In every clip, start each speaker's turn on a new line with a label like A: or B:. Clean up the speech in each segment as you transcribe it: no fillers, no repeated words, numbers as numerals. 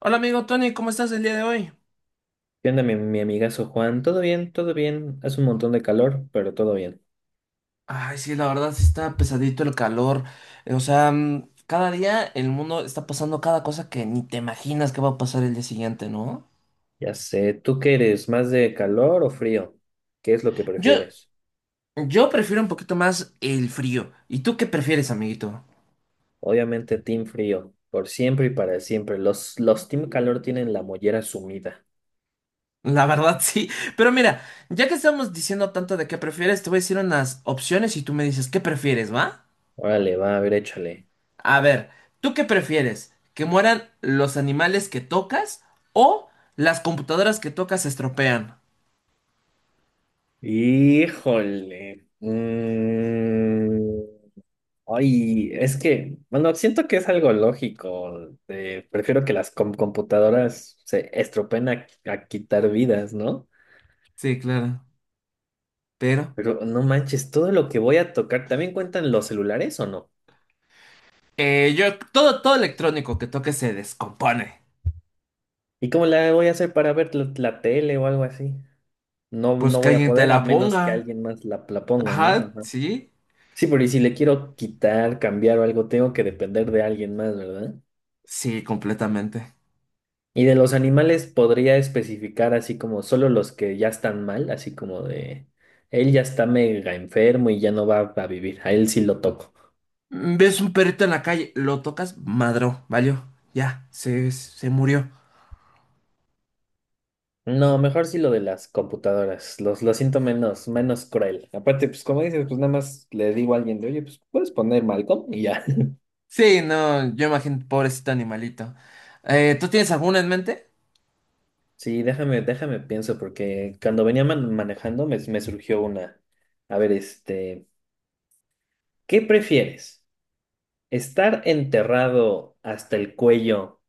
A: Hola amigo Tony, ¿cómo estás el día de hoy?
B: ¿Qué onda, mi amigazo Juan? ¿Todo bien? ¿Todo bien? Hace un montón de calor, pero todo bien.
A: Ay, sí, la verdad sí está pesadito el calor. O sea, cada día el mundo está pasando cada cosa que ni te imaginas que va a pasar el día siguiente, ¿no?
B: Ya sé, ¿tú qué eres? ¿Más de calor o frío? ¿Qué es lo que
A: Yo,
B: prefieres?
A: yo prefiero un poquito más el frío. ¿Y tú qué prefieres, amiguito?
B: Obviamente, team frío, por siempre y para siempre. Los team calor tienen la mollera sumida.
A: La verdad sí. Pero mira, ya que estamos diciendo tanto de qué prefieres, te voy a decir unas opciones y tú me dices qué prefieres, ¿va?
B: Órale, va, a ver, échale.
A: A ver, ¿tú qué prefieres? ¿Que mueran los animales que tocas o las computadoras que tocas se estropean?
B: Híjole. Ay, es que, bueno, siento que es algo lógico. Prefiero que las computadoras se estropen a quitar vidas, ¿no?
A: Sí, claro. Pero
B: Pero no manches, todo lo que voy a tocar, ¿también cuentan los celulares o no?
A: yo todo electrónico que toque se descompone.
B: ¿Y cómo la voy a hacer para ver la tele o algo así? No,
A: Pues
B: no
A: que
B: voy a
A: alguien te
B: poder a
A: la
B: menos que
A: ponga.
B: alguien más la ponga, ¿no?
A: Ajá,
B: Ajá.
A: sí.
B: Sí, pero y si le quiero quitar, cambiar o algo, tengo que depender de alguien más, ¿verdad?
A: Sí, completamente.
B: Y de los animales podría especificar así como solo los que ya están mal, así como de él ya está mega enfermo y ya no va a vivir, a él sí lo toco.
A: Mm, ves un perrito en la calle, lo tocas, madró, valió. Ya, se murió.
B: No, mejor sí lo de las computadoras. Los, lo siento menos, menos cruel. Aparte, pues como dices, pues nada más le digo a alguien de, oye, pues puedes poner Malcolm y ya.
A: Sí, no, yo imagino, pobrecito animalito. ¿Tú tienes alguna en mente?
B: Sí, déjame pienso, porque cuando venía manejando me surgió una. A ver, este, ¿qué prefieres? ¿Estar enterrado hasta el cuello,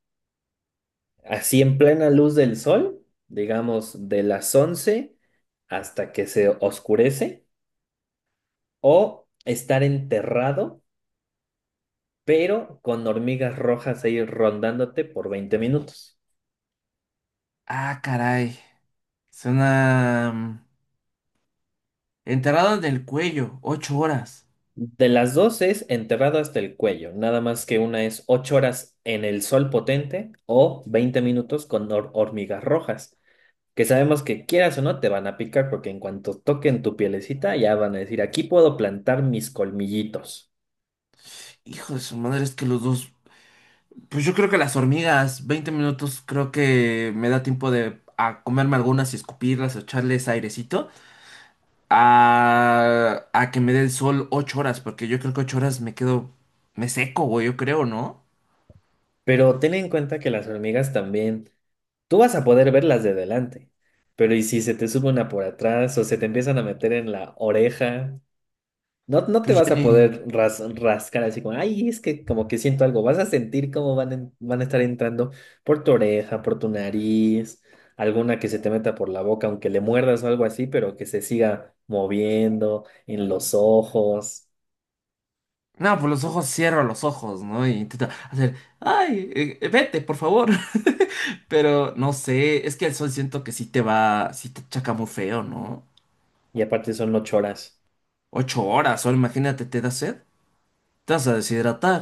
B: así en plena luz del sol, digamos de las 11 hasta que se oscurece, o estar enterrado, pero con hormigas rojas ahí rondándote por 20 minutos?
A: Ah, caray. Suena enterrado en el cuello, 8 horas.
B: De las dos es enterrado hasta el cuello, nada más que una es 8 horas en el sol potente o 20 minutos con hormigas rojas, que sabemos que quieras o no te van a picar porque en cuanto toquen tu pielecita ya van a decir, aquí puedo plantar mis colmillitos.
A: Hijo de su madre, es que los dos. Pues yo creo que las hormigas, 20 minutos, creo que me da tiempo de a comerme algunas y escupirlas o echarles airecito, a que me dé el sol 8 horas, porque yo creo que 8 horas me quedo, me seco, güey, yo creo, ¿no?
B: Pero ten en cuenta que las hormigas también, tú vas a poder verlas de delante, pero ¿y si se te sube una por atrás o se te empiezan a meter en la oreja? No, no te
A: Pues
B: vas
A: ya
B: a
A: ni...
B: poder rascar así como, ay, es que como que siento algo. Vas a sentir cómo van, van a estar entrando por tu oreja, por tu nariz, alguna que se te meta por la boca, aunque le muerdas o algo así, pero que se siga moviendo en los ojos.
A: No, pues los ojos, cierro los ojos, ¿no? Y intento hacer, ay, vete, por favor. Pero no sé, es que el sol siento que sí te va, sí te chaca muy feo, ¿no?
B: Y aparte son 8 horas.
A: 8 horas, o imagínate, te da sed, te vas a deshidratar.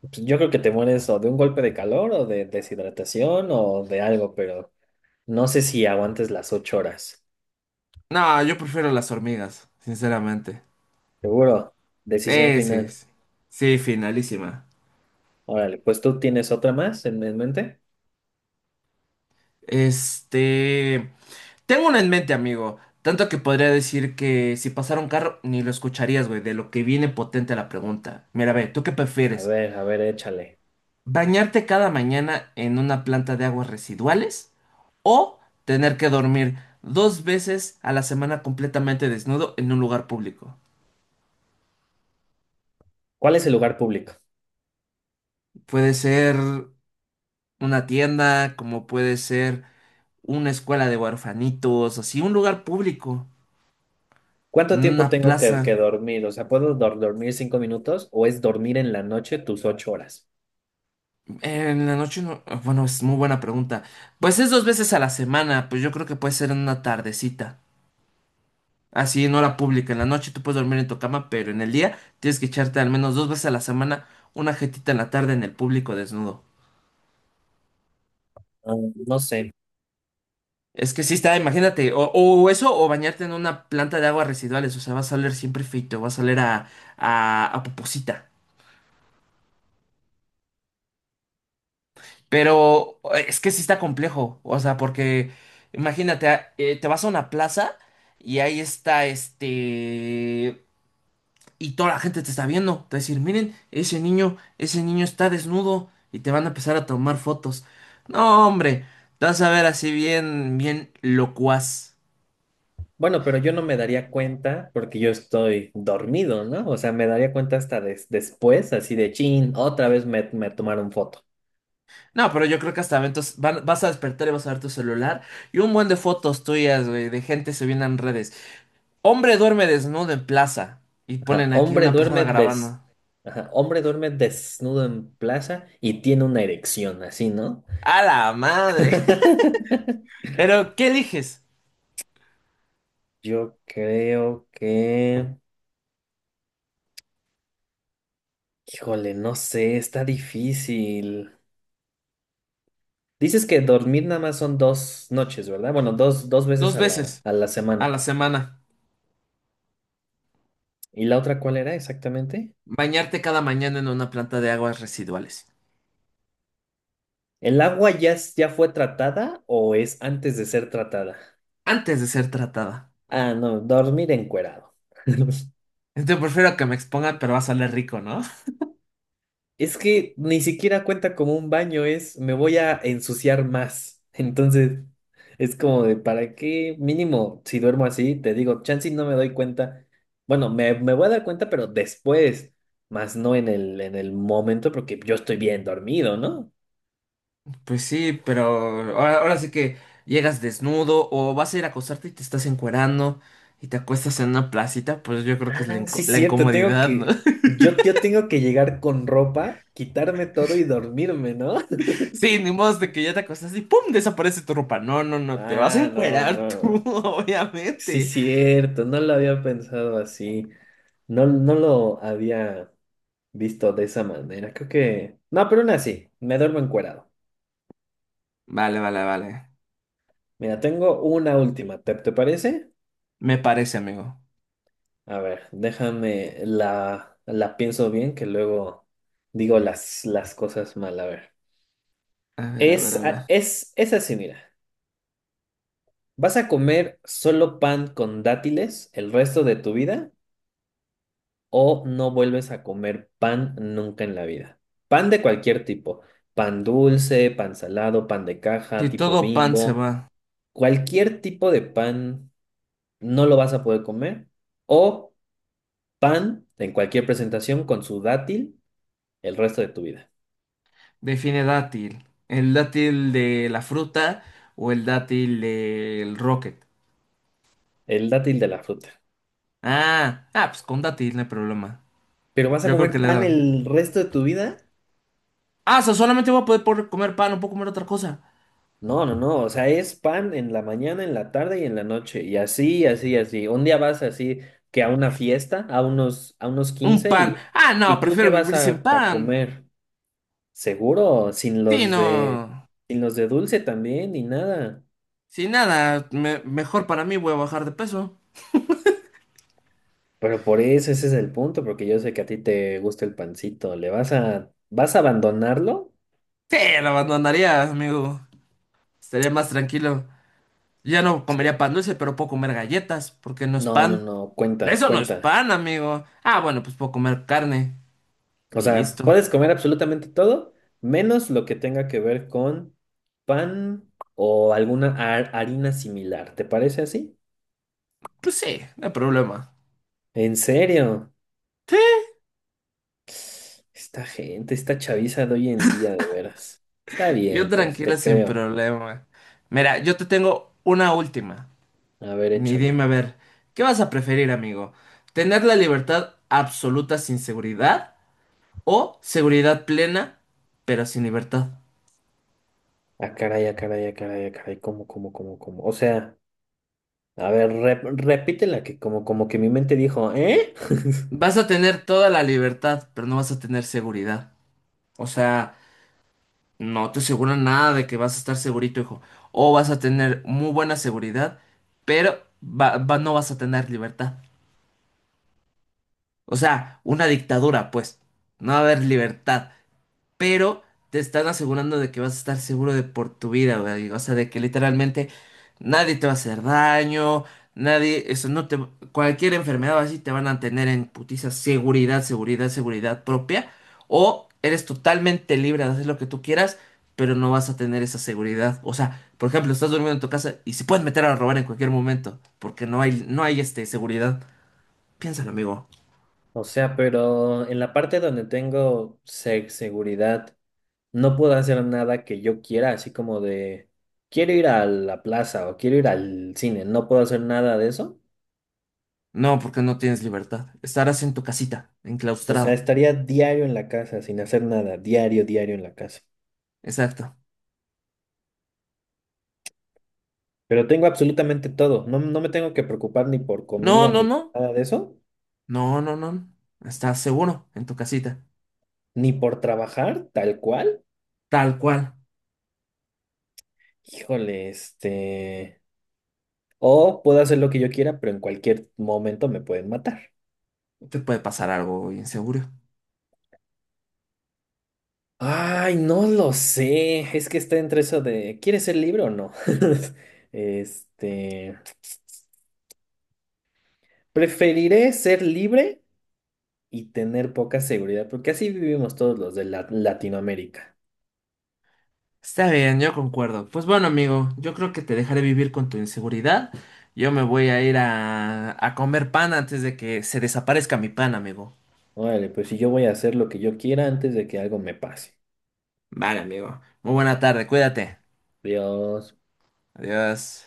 B: Pues yo creo que te mueres o de un golpe de calor o de deshidratación o de algo, pero no sé si aguantes las 8 horas.
A: No, yo prefiero las hormigas, sinceramente.
B: Seguro. Decisión
A: Sí,
B: final.
A: sí, sí, finalísima.
B: Órale, pues tú tienes otra más en mente.
A: Este, tengo una en mente, amigo. Tanto que podría decir que si pasara un carro, ni lo escucharías, güey, de lo que viene potente la pregunta. Mira, ve, ¿tú qué prefieres?
B: A ver, échale.
A: ¿Bañarte cada mañana en una planta de aguas residuales? ¿O tener que dormir 2 veces a la semana completamente desnudo en un lugar público?
B: ¿Cuál es el lugar público?
A: Puede ser una tienda, como puede ser una escuela de huerfanitos, así, un lugar público,
B: ¿Cuánto
A: en
B: tiempo
A: una
B: tengo que
A: plaza.
B: dormir? O sea, ¿puedo dormir 5 minutos o es dormir en la noche tus 8 horas?
A: En la noche, bueno, es muy buena pregunta. Pues es 2 veces a la semana, pues yo creo que puede ser en una tardecita. Así, en hora pública. En la noche tú puedes dormir en tu cama, pero en el día tienes que echarte al menos 2 veces a la semana una jetita en la tarde en el público desnudo.
B: Ah, no sé.
A: Es que sí está, imagínate, o eso, o bañarte en una planta de aguas residuales, o sea, vas a oler siempre feito, vas a oler a poposita. Pero es que sí está complejo, o sea, porque imagínate, te vas a una plaza y ahí está. Y toda la gente te está viendo, te va a decir, miren, ese niño está desnudo y te van a empezar a tomar fotos. No, hombre, te vas a ver así bien, bien locuaz.
B: Bueno, pero yo no me daría cuenta porque yo estoy dormido, ¿no? O sea, me daría cuenta hasta después, así de chin, otra vez me tomaron foto.
A: No, pero yo creo que hasta eventos, vas a despertar y vas a ver tu celular y un buen de fotos tuyas, güey, de gente subiendo en redes. Hombre duerme desnudo en plaza y
B: Ajá.
A: ponen aquí
B: Hombre
A: una persona
B: duerme des
A: grabando.
B: Ajá. Hombre duerme desnudo en plaza y tiene una erección, así, ¿no?
A: A la madre. Pero, ¿qué eliges?
B: Yo creo que… Híjole, no sé, está difícil. Dices que dormir nada más son dos noches, ¿verdad? Bueno, dos veces
A: Dos veces
B: a la
A: a
B: semana.
A: la semana.
B: ¿Y la otra cuál era exactamente?
A: Bañarte cada mañana en una planta de aguas residuales.
B: ¿El agua ya, ya fue tratada o es antes de ser tratada?
A: Antes de ser tratada.
B: Ah, no, dormir encuerado.
A: Entonces prefiero que me expongan, pero va a salir rico, ¿no?
B: Es que ni siquiera cuenta como un baño, es me voy a ensuciar más. Entonces, es como de, ¿para qué? Mínimo, si duermo así, te digo, chance y no me doy cuenta. Bueno, me voy a dar cuenta, pero después, más no en el, en el momento, porque yo estoy bien dormido, ¿no?
A: Pues sí, pero ahora, ahora sí que llegas desnudo o vas a ir a acostarte y te estás encuerando y te acuestas en una placita, pues yo creo que es la,
B: Ah, sí,
A: la
B: cierto, tengo
A: incomodidad, ¿no?
B: que, yo tengo que llegar con ropa, quitarme todo y dormirme, ¿no?
A: Sí, ni modo de que ya te acostaste y ¡pum! Desaparece tu ropa. No, no, no, te vas a
B: Ah, no,
A: encuerar tú,
B: no. Sí,
A: obviamente.
B: cierto, no lo había pensado así. No, no lo había visto de esa manera. Creo que… No, pero aún así, me duermo encuerado.
A: Vale, vale, vale.
B: Mira, tengo una última. ¿Te parece?
A: Me parece, amigo.
B: A ver, déjame la pienso bien que luego digo las cosas mal. A ver.
A: A ver, a ver,
B: Es,
A: a ver.
B: es así, mira. ¿Vas a comer solo pan con dátiles el resto de tu vida? ¿O no vuelves a comer pan nunca en la vida? Pan de cualquier tipo, pan dulce, pan salado, pan de
A: Si
B: caja, tipo
A: todo pan se va,
B: Bimbo, cualquier tipo de pan no lo vas a poder comer, o pan en cualquier presentación con su dátil el resto de tu vida,
A: define dátil. ¿El dátil de la fruta o el dátil del rocket?
B: el dátil de la fruta.
A: Ah, ah, pues con dátil no hay problema.
B: Pero vas a
A: Yo creo que
B: comer
A: le
B: pan
A: dan.
B: el resto de tu vida.
A: Ah, o sea, solamente voy a poder comer pan, no puedo comer otra cosa.
B: No, no, no, o sea, es pan en la mañana, en la tarde y en la noche, y así, así, así. Un día vas así que a una fiesta, a unos
A: Un
B: 15
A: pan. Ah, no,
B: ¿y tú qué
A: prefiero
B: vas
A: vivir sin
B: a
A: pan.
B: comer? Seguro, sin
A: Sí,
B: los de,
A: no.
B: sin los de dulce también, ni nada.
A: Sin nada, mejor para mí voy a bajar de peso.
B: Pero por eso ese es el punto, porque yo sé que a ti te gusta el pancito. ¿Le vas a, vas a abandonarlo?
A: Sí, lo abandonaría, amigo. Estaría más tranquilo. Ya no comería
B: Sí.
A: pan dulce, pero puedo comer galletas, porque no es
B: No, no,
A: pan.
B: no, cuenta,
A: Eso no es
B: cuenta.
A: pan, amigo. Ah, bueno, pues puedo comer carne
B: O
A: y
B: sea,
A: listo.
B: puedes comer absolutamente todo, menos lo que tenga que ver con pan o alguna harina similar. ¿Te parece así?
A: Pues sí, no hay problema.
B: ¿En serio?
A: Sí,
B: Esta gente, esta chaviza de hoy en día, de veras. Está
A: yo
B: bien, pues,
A: tranquila
B: te
A: sin
B: creo.
A: problema. Mira, yo te tengo una última.
B: A ver,
A: Ni
B: échala.
A: dime a ver, ¿qué vas a preferir, amigo? ¿Tener la libertad absoluta sin seguridad o seguridad plena pero sin libertad?
B: Ah, caray, ah, caray, ah, caray, ah, caray, ¿cómo, cómo, cómo, cómo? O sea, a ver, repítela, que como, como que mi mente dijo, ¿eh?
A: Vas a tener toda la libertad, pero no vas a tener seguridad. O sea, no te aseguran nada de que vas a estar segurito, hijo. O vas a tener muy buena seguridad, pero no vas a tener libertad. O sea, una dictadura, pues. No va a haber libertad pero te están asegurando de que vas a estar seguro de por tu vida, güey. O sea, de que literalmente nadie te va a hacer daño, nadie, eso no te, cualquier enfermedad o así te van a tener en putiza seguridad, seguridad, seguridad propia, o eres totalmente libre de hacer lo que tú quieras, pero no vas a tener esa seguridad. O sea, por ejemplo, estás durmiendo en tu casa y se pueden meter a robar en cualquier momento, porque no hay seguridad. Piénsalo, amigo.
B: O sea, pero en la parte donde tengo seguridad no puedo hacer nada que yo quiera, así como de, quiero ir a la plaza o quiero ir al cine, no puedo hacer nada de eso.
A: No, porque no tienes libertad. Estarás en tu casita,
B: O sea,
A: enclaustrado.
B: estaría diario en la casa sin hacer nada, diario, diario en la casa.
A: Exacto.
B: Pero tengo absolutamente todo, no, no me tengo que preocupar ni por
A: No,
B: comida,
A: no,
B: ni
A: no.
B: nada de eso,
A: No, no, no. Estás seguro en tu casita.
B: ni por trabajar tal cual.
A: Tal cual.
B: Híjole, este… O puedo hacer lo que yo quiera, pero en cualquier momento me pueden matar.
A: No te puede pasar algo inseguro.
B: Ay, no lo sé. Es que está entre eso de, ¿quieres ser libre o no? Este, preferiré ser libre y tener poca seguridad, porque así vivimos todos los de Latinoamérica.
A: Está bien, yo concuerdo. Pues bueno, amigo, yo creo que te dejaré vivir con tu inseguridad. Yo me voy a ir a comer pan antes de que se desaparezca mi pan, amigo.
B: Órale, pues si yo voy a hacer lo que yo quiera antes de que algo me pase.
A: Vale, amigo. Muy buena tarde, cuídate.
B: Dios.
A: Adiós.